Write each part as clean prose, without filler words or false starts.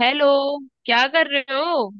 Hello. क्या कर रहे हो?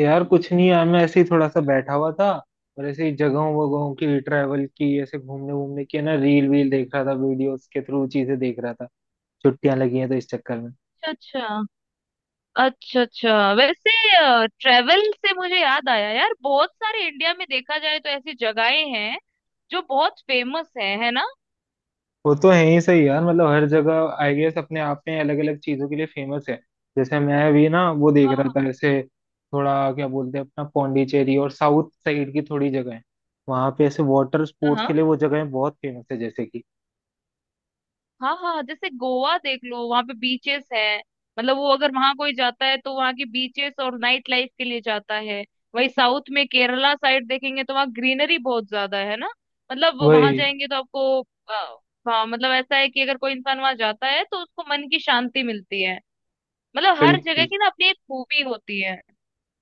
यार कुछ नहीं यार मैं ऐसे ही थोड़ा सा बैठा हुआ था। और ऐसे ही जगहों वगहों की ट्रैवल की ऐसे घूमने घूमने की है ना, रील वील देख रहा था, वीडियोस के थ्रू चीजें देख रहा था। छुट्टियां लगी हैं तो इस चक्कर में। अच्छा। अच्छा अच्छा। वैसे ट्रेवल से मुझे याद आया यार, बहुत सारे इंडिया में देखा जाए तो ऐसी जगहें हैं जो बहुत फेमस है ना। वो तो है ही सही यार, मतलब हर जगह आई गेस अपने आप में अलग अलग चीजों के लिए फेमस है। जैसे मैं भी ना वो देख रहा हाँ था ऐसे, थोड़ा क्या बोलते हैं, अपना पौंडीचेरी और साउथ साइड की थोड़ी जगह है। वहां पे ऐसे वाटर हाँ स्पोर्ट्स के हाँ। लिए वो जगह बहुत फेमस है, जैसे कि हाँ हाँ, जैसे गोवा देख लो, वहां पे बीचेस हैं। मतलब वो अगर वहां कोई जाता है तो वहां की बीचेस और नाइट लाइफ के लिए जाता है। वही साउथ में केरला साइड देखेंगे तो वहाँ ग्रीनरी बहुत ज्यादा है ना। मतलब वहां वही। जाएंगे तो आपको अ, हाँ मतलब ऐसा है कि अगर कोई इंसान वहां जाता है तो उसको मन की शांति मिलती है। मतलब हर जगह बिल्कुल। की ना अपनी एक खूबी होती है।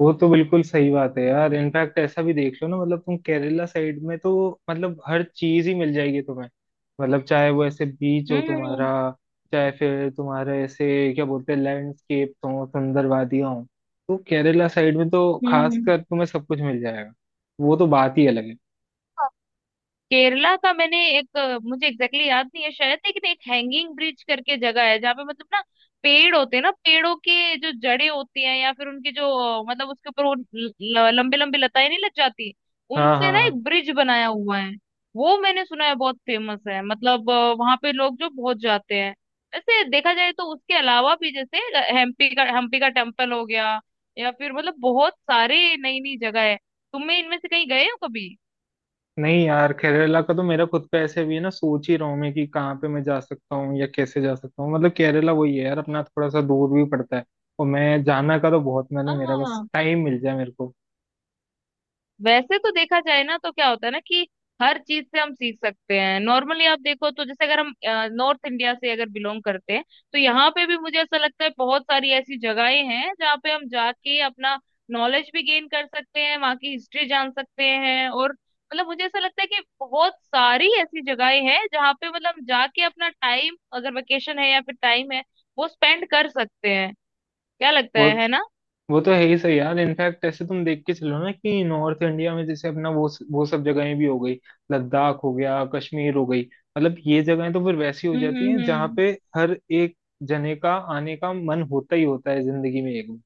वो तो बिल्कुल सही बात है यार, इनफैक्ट ऐसा भी देख लो ना, मतलब तुम केरला साइड में तो मतलब हर चीज ही मिल जाएगी तुम्हें। मतलब चाहे वो ऐसे बीच हो हम्म तुम्हारा, हम्म चाहे फिर तुम्हारे ऐसे क्या बोलते हैं लैंडस्केप हो, सुंदर वादियां हो, तो केरला साइड में तो हम्म हम्म। खासकर तुम्हें सब कुछ मिल जाएगा। वो तो बात ही अलग है। केरला का मैंने एक मुझे एग्जैक्टली exactly याद नहीं है शायद, लेकिन एक हैंगिंग ब्रिज करके जगह है जहाँ पे मतलब ना, पेड़ होते हैं ना, पेड़ों के जो जड़ें होती हैं या फिर उनके जो मतलब उसके ऊपर वो लंबे लंबे लताएं नहीं लग जाती, हाँ हाँ उनसे ना हाँ। एक ब्रिज बनाया हुआ है। वो मैंने सुना है बहुत फेमस है, मतलब वहां पे लोग जो बहुत जाते हैं। वैसे देखा जाए तो उसके अलावा भी जैसे हम्पी का टेम्पल हो गया, या फिर मतलब बहुत सारे नई नई जगह है। तुम्हें इनमें से कहीं गए हो कभी? नहीं यार, केरला का तो मेरा खुद का ऐसे भी है ना, सोच ही रहा हूँ मैं कि कहाँ पे मैं जा सकता हूँ या कैसे जा सकता हूँ, मतलब केरला वही है यार, अपना थोड़ा सा दूर भी पड़ता है। और मैं जाना का तो बहुत मन है मेरा, बस हाँ। टाइम मिल जाए मेरे को। वैसे तो देखा जाए ना तो क्या होता है ना कि हर चीज से हम सीख सकते हैं। नॉर्मली आप देखो तो जैसे अगर हम नॉर्थ इंडिया से अगर बिलोंग करते हैं, तो यहाँ पे भी मुझे ऐसा लगता है बहुत सारी ऐसी जगहें हैं जहाँ पे हम जाके अपना नॉलेज भी गेन कर सकते हैं, वहाँ की हिस्ट्री जान सकते हैं। और मतलब मुझे ऐसा लगता है कि बहुत सारी ऐसी जगहें हैं जहाँ पे मतलब हम जाके अपना टाइम, अगर वेकेशन है या फिर टाइम है, वो स्पेंड कर सकते हैं। क्या लगता वो है ना। वो तो है ही सही यार, इनफैक्ट ऐसे तुम देख के चलो ना कि नॉर्थ इंडिया में जैसे अपना वो सब जगहें भी हो गई। लद्दाख हो गया, कश्मीर हो गई। मतलब ये जगहें तो फिर वैसी हो हम्म जाती हम्म हैं जहाँ हम्म। पे हर एक जने का आने का मन होता ही होता है जिंदगी में एक बार।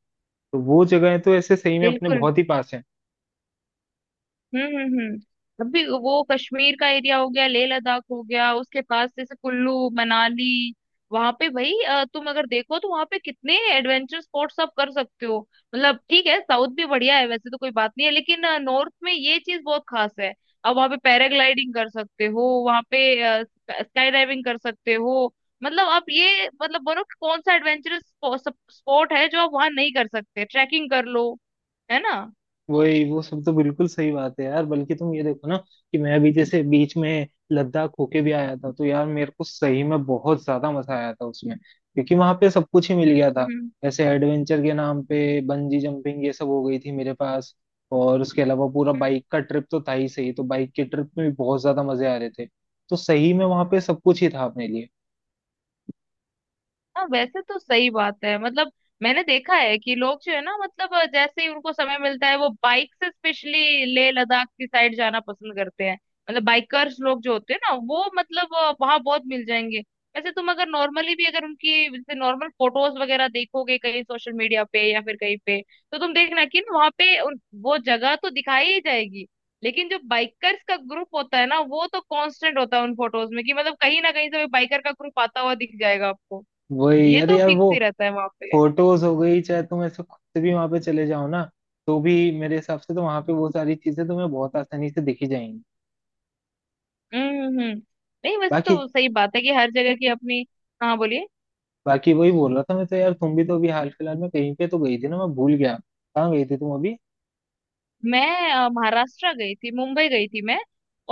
तो वो जगहें तो ऐसे सही में अपने बिल्कुल। बहुत ही पास है। हम्म हम्म हम्म। अभी वो कश्मीर का एरिया हो गया, लेह लद्दाख हो गया, उसके पास जैसे कुल्लू मनाली, वहां पे भाई तुम अगर देखो तो वहां पे कितने एडवेंचर स्पॉट्स आप कर सकते हो। मतलब ठीक है, साउथ भी बढ़िया है, वैसे तो कोई बात नहीं है, लेकिन नॉर्थ में ये चीज बहुत खास है। अब वहां पे पैराग्लाइडिंग कर सकते हो, वहां पे स्काई डाइविंग कर सकते हो। मतलब आप ये मतलब बोलो कि कौन सा एडवेंचरस स्पॉट है जो आप वहां नहीं कर सकते। ट्रैकिंग कर लो, है ना। वही वो सब तो बिल्कुल सही बात है यार, बल्कि तुम ये देखो ना कि मैं अभी जैसे बीच में लद्दाख होके भी आया था, तो यार मेरे को सही में बहुत ज्यादा मजा आया था उसमें, क्योंकि वहां पे सब कुछ ही मिल गया था। हम्म। जैसे एडवेंचर के नाम पे बंजी जंपिंग ये सब हो गई थी मेरे पास। और उसके अलावा पूरा बाइक का ट्रिप तो था ही सही, तो बाइक के ट्रिप में भी बहुत ज्यादा मजे आ रहे थे। तो सही में वहां पे सब कुछ ही था अपने लिए। हाँ वैसे तो सही बात है। मतलब मैंने देखा है कि लोग जो है ना, मतलब जैसे ही उनको समय मिलता है, वो बाइक से स्पेशली लेह लद्दाख की साइड जाना पसंद करते हैं। मतलब बाइकर्स लोग जो होते हैं ना वो मतलब वहां बहुत मिल जाएंगे। वैसे तुम अगर नॉर्मली भी अगर उनकी जैसे नॉर्मल फोटोज वगैरह देखोगे कहीं सोशल मीडिया पे या फिर कहीं पे, तो तुम देखना कि ना वहाँ पे वो जगह तो दिखाई ही जाएगी, लेकिन जो बाइकर्स का ग्रुप होता है ना वो तो कांस्टेंट होता है उन फोटोज में, कि मतलब कहीं ना कहीं से बाइकर का ग्रुप आता हुआ दिख जाएगा आपको। वही ये अरे तो यार फिक्स वो ही रहता है वहां पे। फोटोज हो गई, चाहे तुम ऐसे खुद से भी वहां पे चले जाओ ना, तो भी मेरे हिसाब से तो वहां पे वो सारी चीजें तुम्हें बहुत आसानी से दिखी जाएंगी। हम्म। नहीं वैसे बाकी तो सही बात है कि हर जगह की अपनी। हाँ बोलिए। बाकी वही बोल रहा था मैं तो यार, तुम भी तो अभी हाल फिलहाल में कहीं पे तो गई थी ना, मैं भूल गया। कहाँ गई थी तुम अभी? मैं महाराष्ट्र गई थी, मुंबई गई थी मैं।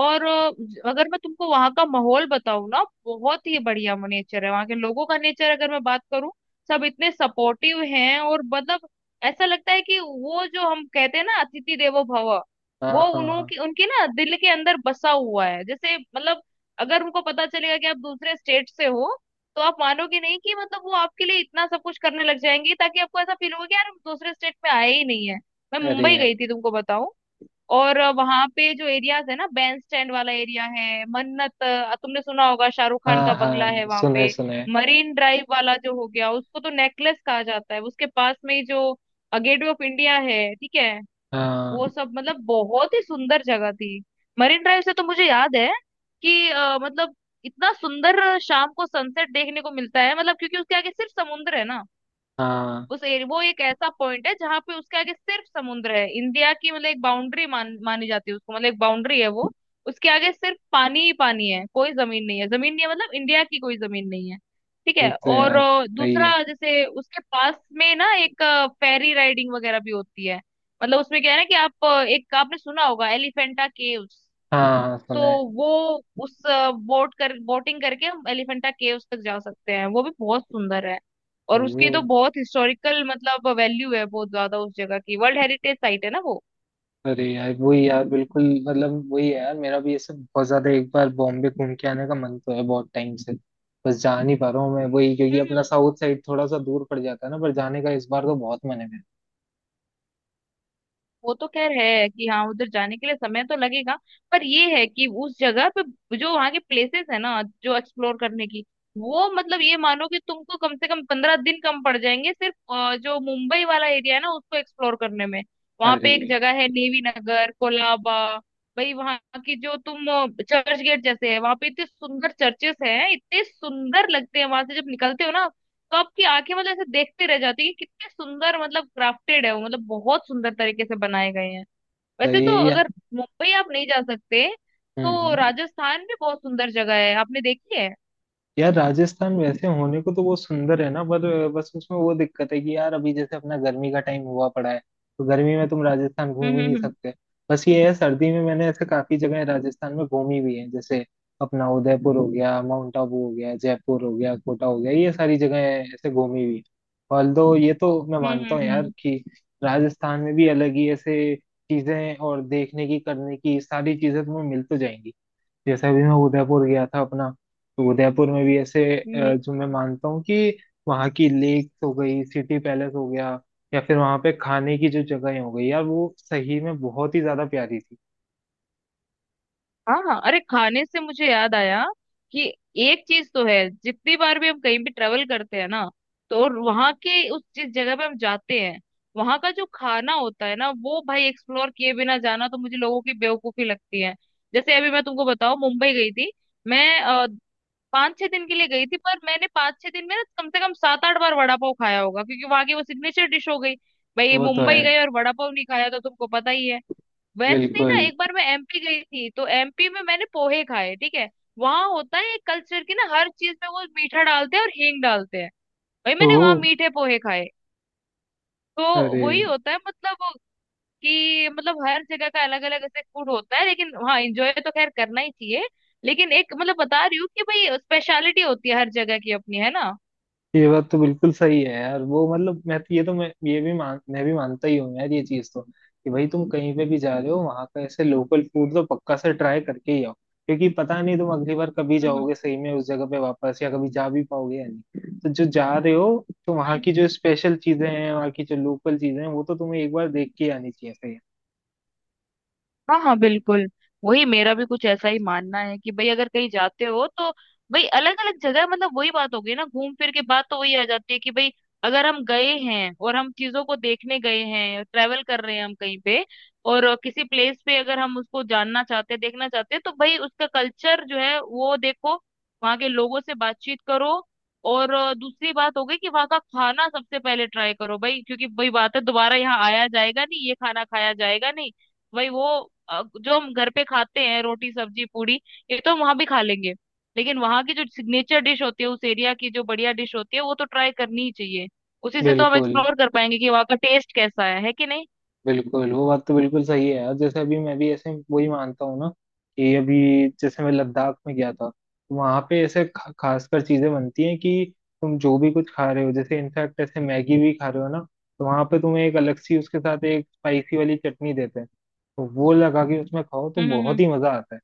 और अगर मैं तुमको वहां का माहौल बताऊं ना, बहुत ही बढ़िया नेचर है वहां के लोगों का। नेचर अगर मैं बात करूं, सब इतने सपोर्टिव हैं और मतलब ऐसा लगता है कि वो जो हम कहते हैं ना, अतिथि देवो भव, हाँ वो हाँ उन्हों हाँ। की उनकी ना दिल के अंदर बसा हुआ है। जैसे मतलब अगर उनको पता चलेगा कि आप दूसरे स्टेट से हो, तो आप मानोगे नहीं कि मतलब वो आपके लिए इतना सब कुछ करने लग जाएंगे ताकि आपको ऐसा फील होगा कि यार हम दूसरे स्टेट में आए ही नहीं है। मैं अरे मुंबई यार। गई थी तुमको बताऊं। और वहां पे जो एरियाज है ना, बैंड स्टैंड वाला एरिया है, मन्नत तुमने सुना होगा शाहरुख खान हाँ का बंगला है हाँ वहां सुना है पे। सुना है। मरीन ड्राइव वाला जो हो गया उसको तो नेकलेस कहा जाता है, उसके पास में ही जो गेटवे ऑफ इंडिया है, ठीक है। हाँ वो सब मतलब बहुत ही सुंदर जगह थी। मरीन ड्राइव से तो मुझे याद है कि मतलब इतना सुंदर शाम को सनसेट देखने को मिलता है, मतलब क्योंकि उसके आगे सिर्फ समुद्र है ना। हाँ। उस एरिया, वो एक ऐसा पॉइंट है जहां पे उसके आगे सिर्फ समुद्र है, इंडिया की मतलब एक बाउंड्री मानी जाती है उसको, मतलब एक बाउंड्री है वो। उसके आगे सिर्फ पानी ही पानी है, कोई जमीन नहीं है, जमीन नहीं है, मतलब इंडिया की कोई जमीन नहीं है। ठीक वो है। तो और यार सही है। दूसरा जैसे उसके पास में ना एक फेरी राइडिंग वगैरह भी होती है। मतलब उसमें क्या है ना कि आप एक आपने सुना होगा एलिफेंटा केव्स, हाँ हाँ तो सुना है। वो उस बोटिंग करके हम एलिफेंटा केव्स तक जा सकते हैं, वो भी बहुत सुंदर है। और वो उसकी तो बहुत हिस्टोरिकल मतलब वैल्यू है बहुत ज्यादा उस जगह की, वर्ल्ड हेरिटेज साइट है ना वो। अरे यार वही यार बिल्कुल। मतलब वही है यार, मेरा भी ये सब बहुत ज्यादा, एक बार बॉम्बे घूम के आने का मन तो है बहुत टाइम से। बस जा नहीं पा रहा हूँ मैं वही, क्योंकि अपना साउथ साइड थोड़ा सा दूर पड़ जाता है ना, पर जाने का इस बार तो बहुत मन है मेरा। वो तो खैर है कि हाँ उधर जाने के लिए समय तो लगेगा। पर ये है कि उस जगह पे जो वहाँ के प्लेसेस है ना जो एक्सप्लोर करने की, वो मतलब ये मानो कि तुमको कम से कम 15 दिन कम पड़ जाएंगे सिर्फ जो मुंबई वाला एरिया है ना उसको एक्सप्लोर करने में। वहाँ अरे पे एक जगह है नेवी नगर कोलाबा, भाई वहाँ की जो तुम चर्च गेट जैसे है वहाँ पे, इतने सुंदर चर्चेस हैं, इतने सुंदर लगते हैं वहां से जब निकलते हो ना, तो आपकी आंखें मतलब ऐसे देखते रह जाती है कि कितने सुंदर मतलब क्राफ्टेड है वो, मतलब बहुत सुंदर तरीके से बनाए गए हैं। तो वैसे तो ये यार। अगर मुंबई आप नहीं जा सकते हम्म तो हम्म। राजस्थान भी बहुत सुंदर जगह है, आपने देखी है? यार राजस्थान वैसे होने को तो वो सुंदर है ना, पर बस उसमें वो दिक्कत है कि यार अभी जैसे अपना गर्मी का टाइम हुआ पड़ा है। तो गर्मी में तुम राजस्थान घूम हम्म ही नहीं हम्म सकते। बस ये है, सर्दी में मैंने ऐसे काफी जगह राजस्थान में घूमी भी है, जैसे अपना उदयपुर हो गया, माउंट आबू हो गया, जयपुर हो गया, कोटा हो गया, ये सारी जगह ऐसे घूमी हुई। ऑल दो ये तो मैं हम्म हम्म मानता हूँ हम्म यार हम्म, कि राजस्थान में भी अलग ही ऐसे चीजें और देखने की करने की सारी चीजें तुम्हें मिल तो जाएंगी। जैसे अभी मैं उदयपुर गया था अपना, तो उदयपुर में भी ऐसे हम्म, जो मैं मानता हूँ कि वहाँ की लेक हो गई, सिटी पैलेस हो गया, या फिर वहाँ पे खाने की जो जगह हो गई यार, वो सही में बहुत ही ज्यादा प्यारी थी। हाँ अरे खाने से मुझे याद आया कि एक चीज तो है। जितनी बार भी हम कहीं भी ट्रेवल करते हैं ना, तो और वहां के उस जिस जगह पे हम जाते हैं, वहां का जो खाना होता है ना वो भाई एक्सप्लोर किए बिना जाना तो मुझे लोगों की बेवकूफी लगती है। जैसे अभी मैं तुमको बताऊं, मुंबई गई थी मैं, 5-6 दिन के लिए गई थी, पर मैंने 5-6 दिन में ना कम से कम 7-8 बार वड़ा पाव खाया होगा, क्योंकि वहां की वो सिग्नेचर डिश हो गई। भाई वो तो है। मुंबई गए और वड़ा पाव नहीं खाया तो तुमको पता ही है। वैसे ही बिल्कुल। ना एक बार मैं एमपी गई थी, तो एमपी में मैंने पोहे खाए, ठीक है। वहां होता है एक कल्चर की ना हर चीज में वो मीठा डालते हैं और हींग डालते हैं। भाई ओ। मैंने वहां मीठे पोहे खाए। तो अरे। वही होता है मतलब कि मतलब हर जगह का अलग अलग ऐसे फूड होता है, लेकिन हाँ एंजॉय तो खैर करना ही चाहिए। लेकिन एक मतलब बता रही हूँ कि भाई स्पेशलिटी होती है हर जगह की अपनी, है ना। ये बात तो बिल्कुल सही है यार, वो मतलब मैं तो ये तो मैं ये भी मान मैं भी मानता ही हूँ यार, ये चीज तो, कि भाई तुम कहीं पे भी जा रहे हो, वहां का ऐसे लोकल फूड तो पक्का से ट्राई करके ही आओ, क्योंकि पता नहीं तुम अगली बार कभी हम्म जाओगे सही में उस जगह पे वापस या कभी जा भी पाओगे या नहीं, तो जो जा रहे हो तो वहाँ हम्म। की जो स्पेशल चीजें हैं, वहाँ की जो लोकल चीजें हैं, वो तो तुम्हें एक बार देख के आनी चाहिए सही। हाँ हाँ बिल्कुल। वही मेरा भी कुछ ऐसा ही मानना है कि भाई अगर कहीं जाते हो तो भाई अलग अलग जगह, मतलब वही बात हो गई ना घूम फिर के बात तो वही आ जाती है कि भाई अगर हम गए हैं और हम चीजों को देखने गए हैं, ट्रेवल कर रहे हैं हम कहीं पे, और किसी प्लेस पे अगर हम उसको जानना चाहते हैं देखना चाहते हैं, तो भाई उसका कल्चर जो है वो देखो, वहाँ के लोगों से बातचीत करो। और दूसरी बात हो गई कि वहाँ का खाना सबसे पहले ट्राई करो भाई, क्योंकि वही बात है, दोबारा यहाँ आया जाएगा नहीं, ये खाना खाया जाएगा नहीं। वही वो जो हम घर पे खाते हैं रोटी सब्जी पूड़ी, ये तो हम वहां भी खा लेंगे, लेकिन वहां की जो सिग्नेचर डिश होती है, उस एरिया की जो बढ़िया डिश होती है, वो तो ट्राई करनी ही चाहिए। उसी से तो हम बिल्कुल। एक्सप्लोर कर पाएंगे कि वहाँ का टेस्ट कैसा है कि नहीं। बिल्कुल वो बात तो बिल्कुल सही है यार, जैसे अभी मैं भी ऐसे वही मानता हूँ ना कि अभी जैसे मैं लद्दाख में गया था, वहां पे ऐसे खासकर चीजें बनती हैं कि तुम जो भी कुछ खा रहे हो, जैसे इनफैक्ट ऐसे मैगी भी खा रहे हो ना, तो वहां पे तुम्हें एक अलग सी उसके साथ एक स्पाइसी वाली चटनी देते हैं। तो वो लगा के उसमें खाओ तो हम्म हम्म बहुत हम्म। ही मजा आता है।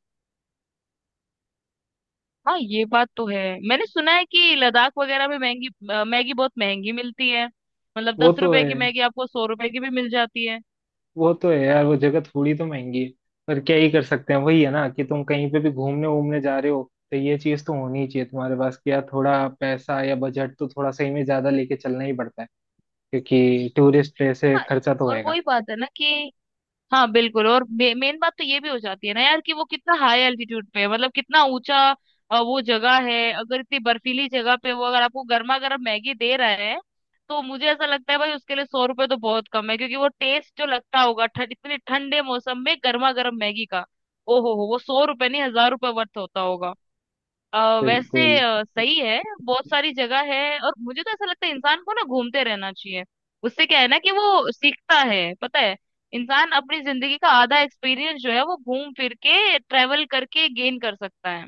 हाँ ये बात तो है। मैंने सुना है कि लद्दाख वगैरह में महंगी मैगी बहुत महंगी मिलती है, मतलब वो दस तो रुपए की है। मैगी आपको 100 रुपए की भी मिल जाती है। वो तो है यार, वो जगह थोड़ी तो महंगी है। पर क्या ही कर सकते हैं, वही है ना कि तुम कहीं पे भी घूमने वूमने जा रहे हो, तो ये चीज तो होनी ही चाहिए तुम्हारे पास कि यार थोड़ा पैसा या बजट तो थोड़ा सही में ज्यादा लेके चलना ही पड़ता है। क्योंकि टूरिस्ट प्लेस है, हाँ, खर्चा तो और होएगा। वही बात है ना कि हाँ बिल्कुल, और मेन बात तो ये भी हो जाती है ना यार कि वो कितना हाई एल्टीट्यूड पे है, मतलब कितना ऊंचा वो जगह है। अगर इतनी बर्फीली जगह पे वो अगर आपको गर्मा गर्म मैगी दे रहा है, तो मुझे ऐसा लगता है भाई उसके लिए 100 रुपए तो बहुत कम है, क्योंकि वो टेस्ट जो लगता होगा ठंड इतने ठंडे मौसम में गर्मा गर्म मैगी का, ओ हो, वो 100 रुपए नहीं 1000 रुपए वर्थ होता होगा। अ, वैसे बिल्कुल। सही है, बहुत सारी जगह है, और मुझे तो ऐसा लगता है इंसान को ना घूमते रहना चाहिए। उससे क्या है ना कि वो सीखता है पता है। इंसान अपनी जिंदगी का आधा एक्सपीरियंस जो है वो घूम फिर के ट्रेवल करके गेन कर सकता है।